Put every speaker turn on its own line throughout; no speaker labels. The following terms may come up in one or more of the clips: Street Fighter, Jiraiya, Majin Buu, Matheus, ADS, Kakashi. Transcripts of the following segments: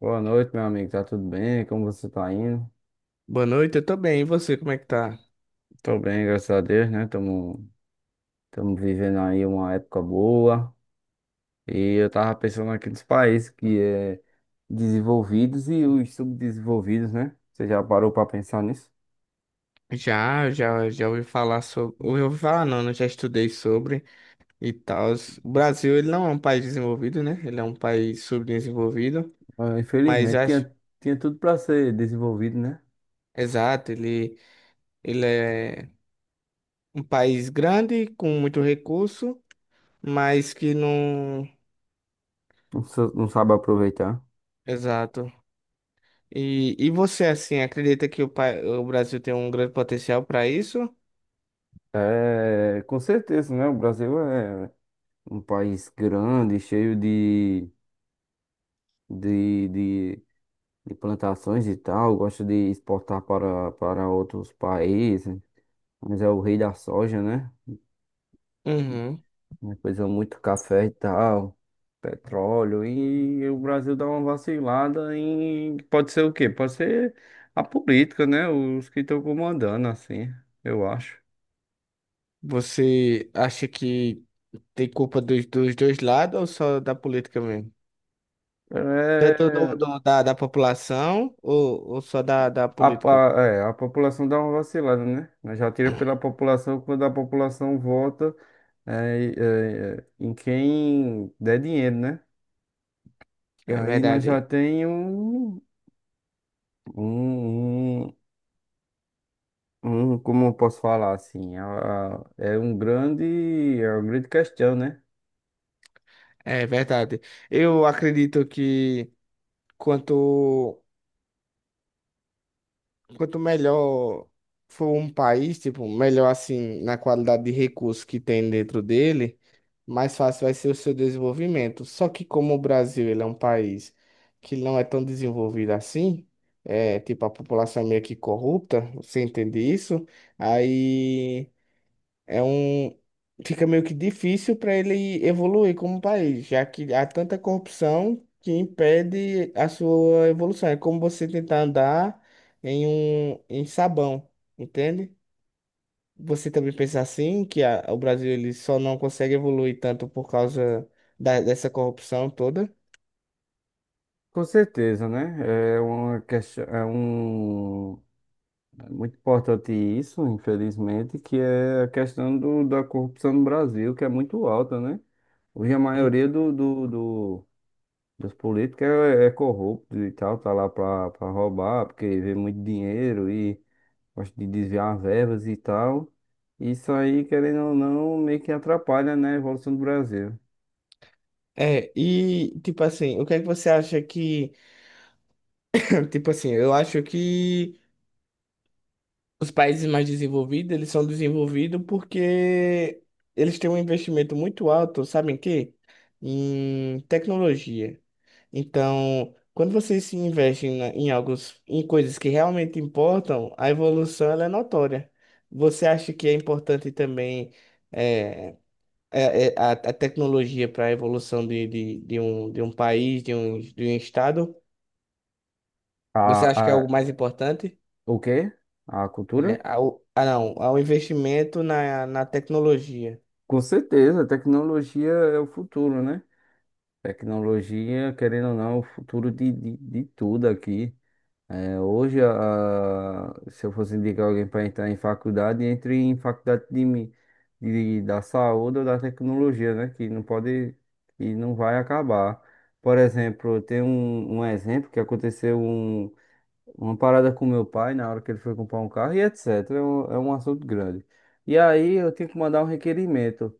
Boa noite, meu amigo. Tá tudo bem? Como você tá indo?
Boa noite, eu tô bem. E você, como é que tá?
Tô bem, graças a Deus, né? Tamo vivendo aí uma época boa. E eu tava pensando aqui nos países que é desenvolvidos e os subdesenvolvidos, né? Você já parou pra pensar nisso?
Já ouvi falar sobre. Ouvi falar, não, né? Já estudei sobre e tal. O Brasil, ele não é um país desenvolvido, né? Ele é um país subdesenvolvido,
Ah,
mas eu
infelizmente,
acho.
tinha tudo pra ser desenvolvido, né?
Exato, ele é um país grande, com muito recurso, mas que não.
Não, não sabe aproveitar.
Exato. E você, assim, acredita que o Brasil tem um grande potencial para isso?
É, com certeza, né? O Brasil é um país grande, cheio de, de de plantações e tal, gosta de exportar para outros países, mas é o rei da soja, né?
Uhum.
Depois é muito café e tal, petróleo, e o Brasil dá uma vacilada em... Pode ser o quê? Pode ser a política, né? Os que estão comandando, assim, eu acho.
Você acha que tem culpa dos dois lados ou só da política mesmo? Tanto
É...
da população ou só da
A,
política?
é, a população dá uma vacilada, né? Mas já tira pela população quando a população vota em quem der dinheiro, né? E
É
aí nós já
verdade.
tem um, um, como eu posso falar assim, é um grande, é uma grande questão, né?
É verdade. Eu acredito que quanto quanto melhor for um país, tipo, melhor assim na qualidade de recursos que tem dentro dele, mais fácil vai ser o seu desenvolvimento. Só que como o Brasil, ele é um país que não é tão desenvolvido assim, é, tipo, a população é meio que corrupta, você entende isso? Aí é um. Fica meio que difícil para ele evoluir como país, já que há tanta corrupção que impede a sua evolução. É como você tentar andar em sabão, entende? Você também pensa assim, que o Brasil ele só não consegue evoluir tanto por causa dessa corrupção toda?
Com certeza, né? É uma questão, é um, é muito importante isso, infelizmente, que é a questão da corrupção no Brasil, que é muito alta, né? Hoje a
Hum.
maioria dos políticos é corrupto e tal, tá lá pra roubar, porque vê muito dinheiro e gosto de desviar verbas e tal. Isso aí, querendo ou não, meio que atrapalha, né, a evolução do Brasil.
É, e tipo assim, o que é que você acha que, tipo assim, eu acho que os países mais desenvolvidos, eles são desenvolvidos porque eles têm um investimento muito alto, sabe em quê? Em tecnologia. Então, quando vocês se investem em alguns, em coisas que realmente importam, a evolução ela é notória. Você acha que é importante também eh, é a tecnologia para a evolução de um país, de um estado?
A,
Você acha que é
a,
algo mais importante?
o quê? A cultura?
É, ao, ah, não, ao investimento na tecnologia.
Com certeza, a tecnologia é o futuro, né? Tecnologia, querendo ou não, é o futuro de tudo aqui. É, hoje, se eu fosse indicar alguém para entrar em faculdade, entre em faculdade da saúde ou da tecnologia, né? Que não vai acabar. Por exemplo, um exemplo que uma parada com meu pai na hora que ele foi comprar um carro e etc. É um assunto grande. E aí eu tenho que mandar um requerimento.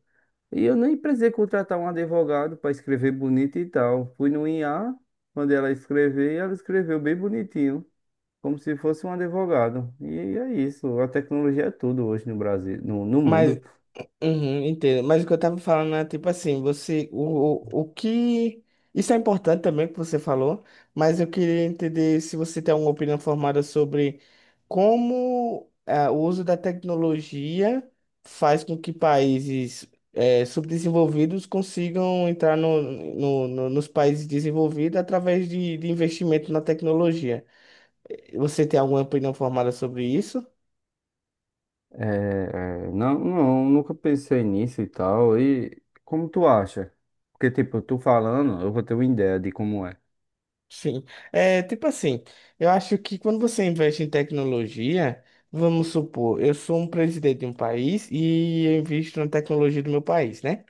E eu nem precisei contratar um advogado para escrever bonito e tal. Fui no IA, mandei ela escrever e ela escreveu bem bonitinho como se fosse um advogado. E é isso, a tecnologia é tudo hoje no Brasil, no
Mas,
mundo.
uhum, entendo. Mas o que eu tava falando é tipo assim, você, o que. Isso é importante também que você falou, mas eu queria entender se você tem alguma opinião formada sobre como ah, o uso da tecnologia faz com que países eh, subdesenvolvidos consigam entrar nos países desenvolvidos através de investimento na tecnologia. Você tem alguma opinião formada sobre isso?
É, não, nunca pensei nisso e tal. E como tu acha? Porque, tipo, tu falando, eu vou ter uma ideia de como é
Sim. É, tipo assim, eu acho que quando você investe em tecnologia, vamos supor, eu sou um presidente de um país e eu invisto na tecnologia do meu país, né?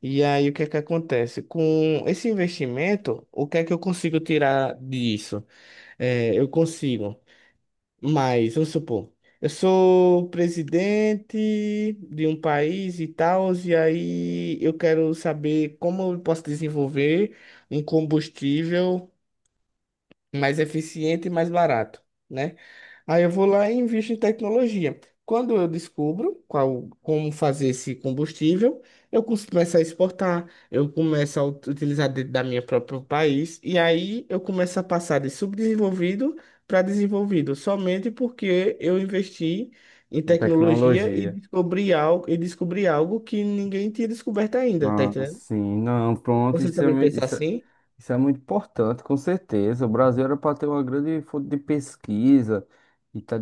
E aí o que é que acontece? Com esse investimento, o que é que eu consigo tirar disso? É, eu consigo. Mas, vamos supor, eu sou presidente de um país e tal, e aí eu quero saber como eu posso desenvolver um combustível mais eficiente e mais barato, né? Aí eu vou lá e invisto em tecnologia. Quando eu descubro qual, como fazer esse combustível, eu começo a exportar, eu começo a utilizar dentro da minha próprio país, e aí eu começo a passar de subdesenvolvido para desenvolvido, somente porque eu investi em
a
tecnologia
tecnologia.
e descobri algo que ninguém tinha descoberto ainda, tá
Ah,
entendendo?
sim, não, pronto,
Você também pensa assim?
isso é muito importante, com certeza. O Brasil era para ter uma grande fonte de pesquisa e tá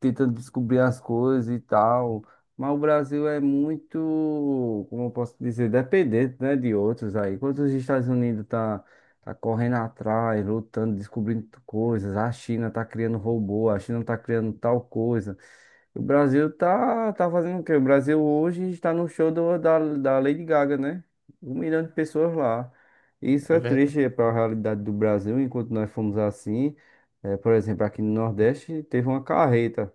tentando descobrir as coisas e tal, mas o Brasil é muito, como eu posso dizer, dependente, né, de outros aí. Enquanto os Estados Unidos tá correndo atrás, lutando, descobrindo coisas, a China tá criando robô, a China tá criando tal coisa. O Brasil tá fazendo o quê? O Brasil hoje está no show da da Lady Gaga, né? 1 milhão de pessoas lá. Isso
É
é triste
verdade.
para a realidade do Brasil, enquanto nós fomos assim. Por exemplo, aqui no Nordeste teve uma carreta.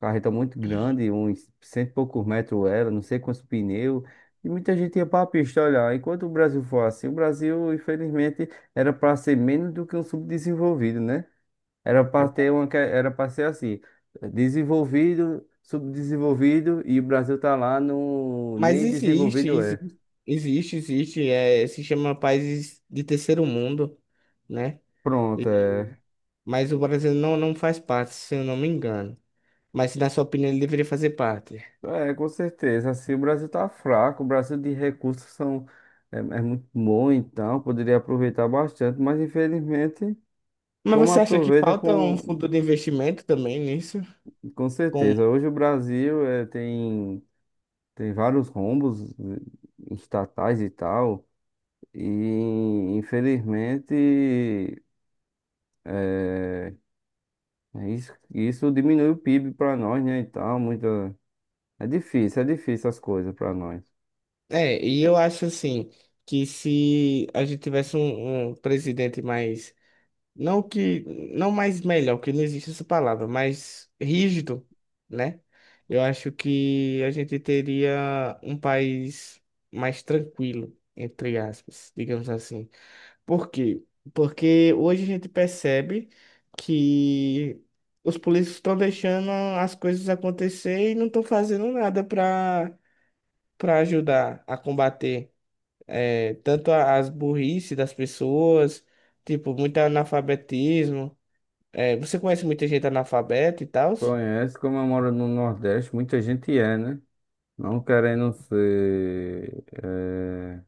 Carreta muito grande, uns cento e poucos metros ela, não sei quantos pneus. E muita gente ia para a pista olhar. Enquanto o Brasil for assim, o Brasil, infelizmente, era para ser menos do que um subdesenvolvido, né? Era para ter uma, era para ser assim, desenvolvido, subdesenvolvido e o Brasil tá lá no
Mas
nem desenvolvido é.
existe, é, se chama países de terceiro mundo, né?
Pronto,
E-
é.
mas o Brasil não, não faz parte, se eu não me engano. Mas, na sua opinião, ele deveria fazer parte.
É, com certeza. Assim, o Brasil tá fraco, o Brasil de recursos são é muito bom, então poderia aproveitar bastante, mas infelizmente
Mas
como
você acha que
aproveita
falta um fundo de investimento também nisso?
com
Como...
certeza. Hoje o Brasil é, tem tem vários rombos estatais e tal. E infelizmente É, é isso, isso diminui o PIB para nós, né? E tal, muita. É difícil as coisas para nós.
É, e eu acho assim, que se a gente tivesse um presidente mais não que, não mais melhor, que não existe essa palavra, mas rígido, né? Eu acho que a gente teria um país mais tranquilo, entre aspas, digamos assim. Por quê? Porque hoje a gente percebe que os políticos estão deixando as coisas acontecer e não estão fazendo nada para ajudar a combater eh, tanto as burrice das pessoas, tipo, muito analfabetismo. É, você conhece muita gente analfabeta e tal?
Conhece, como eu moro no Nordeste, muita gente é, né? Não querendo ser,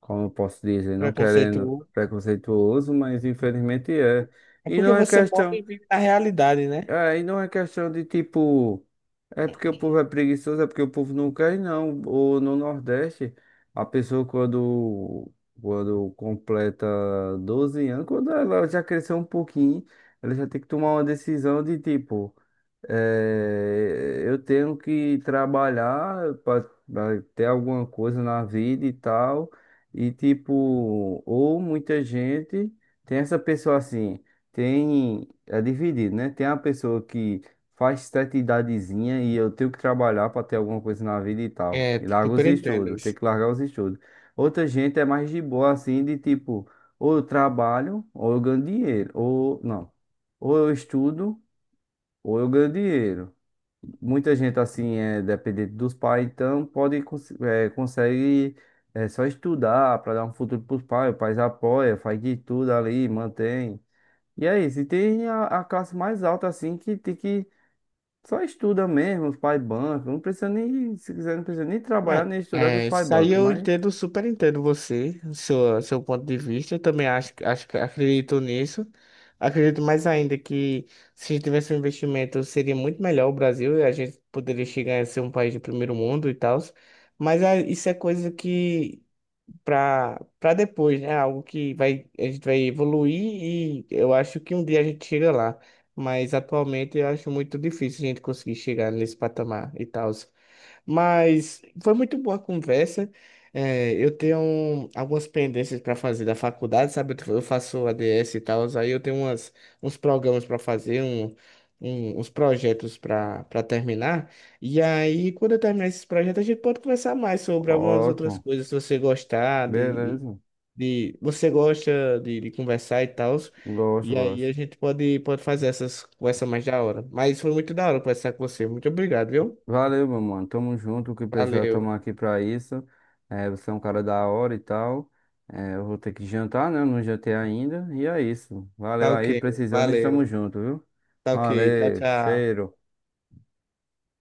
como eu posso dizer, não querendo
Preconceituoso.
preconceituoso, mas infelizmente é.
É
E
porque
não é
você mora
questão.
e vive na realidade, né?
É, e não é questão de tipo, é porque o povo é preguiçoso, é porque o povo não quer, não. Ou no Nordeste, a pessoa quando completa 12 anos, quando ela já cresceu um pouquinho, ela já tem que tomar uma decisão de tipo. É, eu tenho que trabalhar para ter alguma coisa na vida e tal. E tipo, ou muita gente tem essa pessoa assim, tem, é dividido, né? Tem a pessoa que faz certa idadezinha e eu tenho que trabalhar para ter alguma coisa na vida e tal.
É,
E larga os
super entendo
estudos, tem
isso.
que largar os estudos. Outra gente é mais de boa assim, de tipo, ou eu trabalho, ou eu ganho dinheiro, ou não, ou eu estudo, ou eu ganho dinheiro. Muita gente, assim, é dependente dos pais, então pode, consegue só estudar para dar um futuro para os pais, o pai apoia, faz de tudo ali, mantém. E é isso, e tem a classe mais alta, assim, que só estuda mesmo, os pais bancam, não precisa nem, se quiser, não precisa nem trabalhar,
Não,
nem estudar que os
é,
pais
isso aí
bancam,
eu
mas
entendo, super entendo você, seu ponto de vista. Eu também acho, que acredito nisso. Acredito mais ainda que se tivesse um investimento seria muito melhor o Brasil e a gente poderia chegar a ser um país de primeiro mundo e tal. Mas ah, isso é coisa que para depois, né? Algo que vai a gente vai evoluir e eu acho que um dia a gente chega lá, mas atualmente eu acho muito difícil a gente conseguir chegar nesse patamar e tal. Mas foi muito boa a conversa. É, eu tenho algumas pendências para fazer da faculdade, sabe? Eu faço ADS e tal, aí eu tenho umas, uns programas para fazer, uns projetos para terminar. E aí, quando eu terminar esses projetos, a gente pode conversar mais sobre algumas outras
ótimo,
coisas, se você gostar
beleza,
você gosta de conversar e tal.
gosto,
E aí
gosto.
a gente pode fazer essas conversas mais da hora. Mas foi muito da hora conversar com você. Muito obrigado, viu?
Valeu, meu mano. Tamo junto. O que precisar,
Valeu.
tomar aqui pra isso. É, você é um cara da hora e tal. É, eu vou ter que jantar, né? Eu não jantei ainda. E é isso.
Tá
Valeu
ok,
aí, precisando, estamos
valeu.
junto, viu?
Tá ok, tchau,
Valeu,
tchau.
cheiro.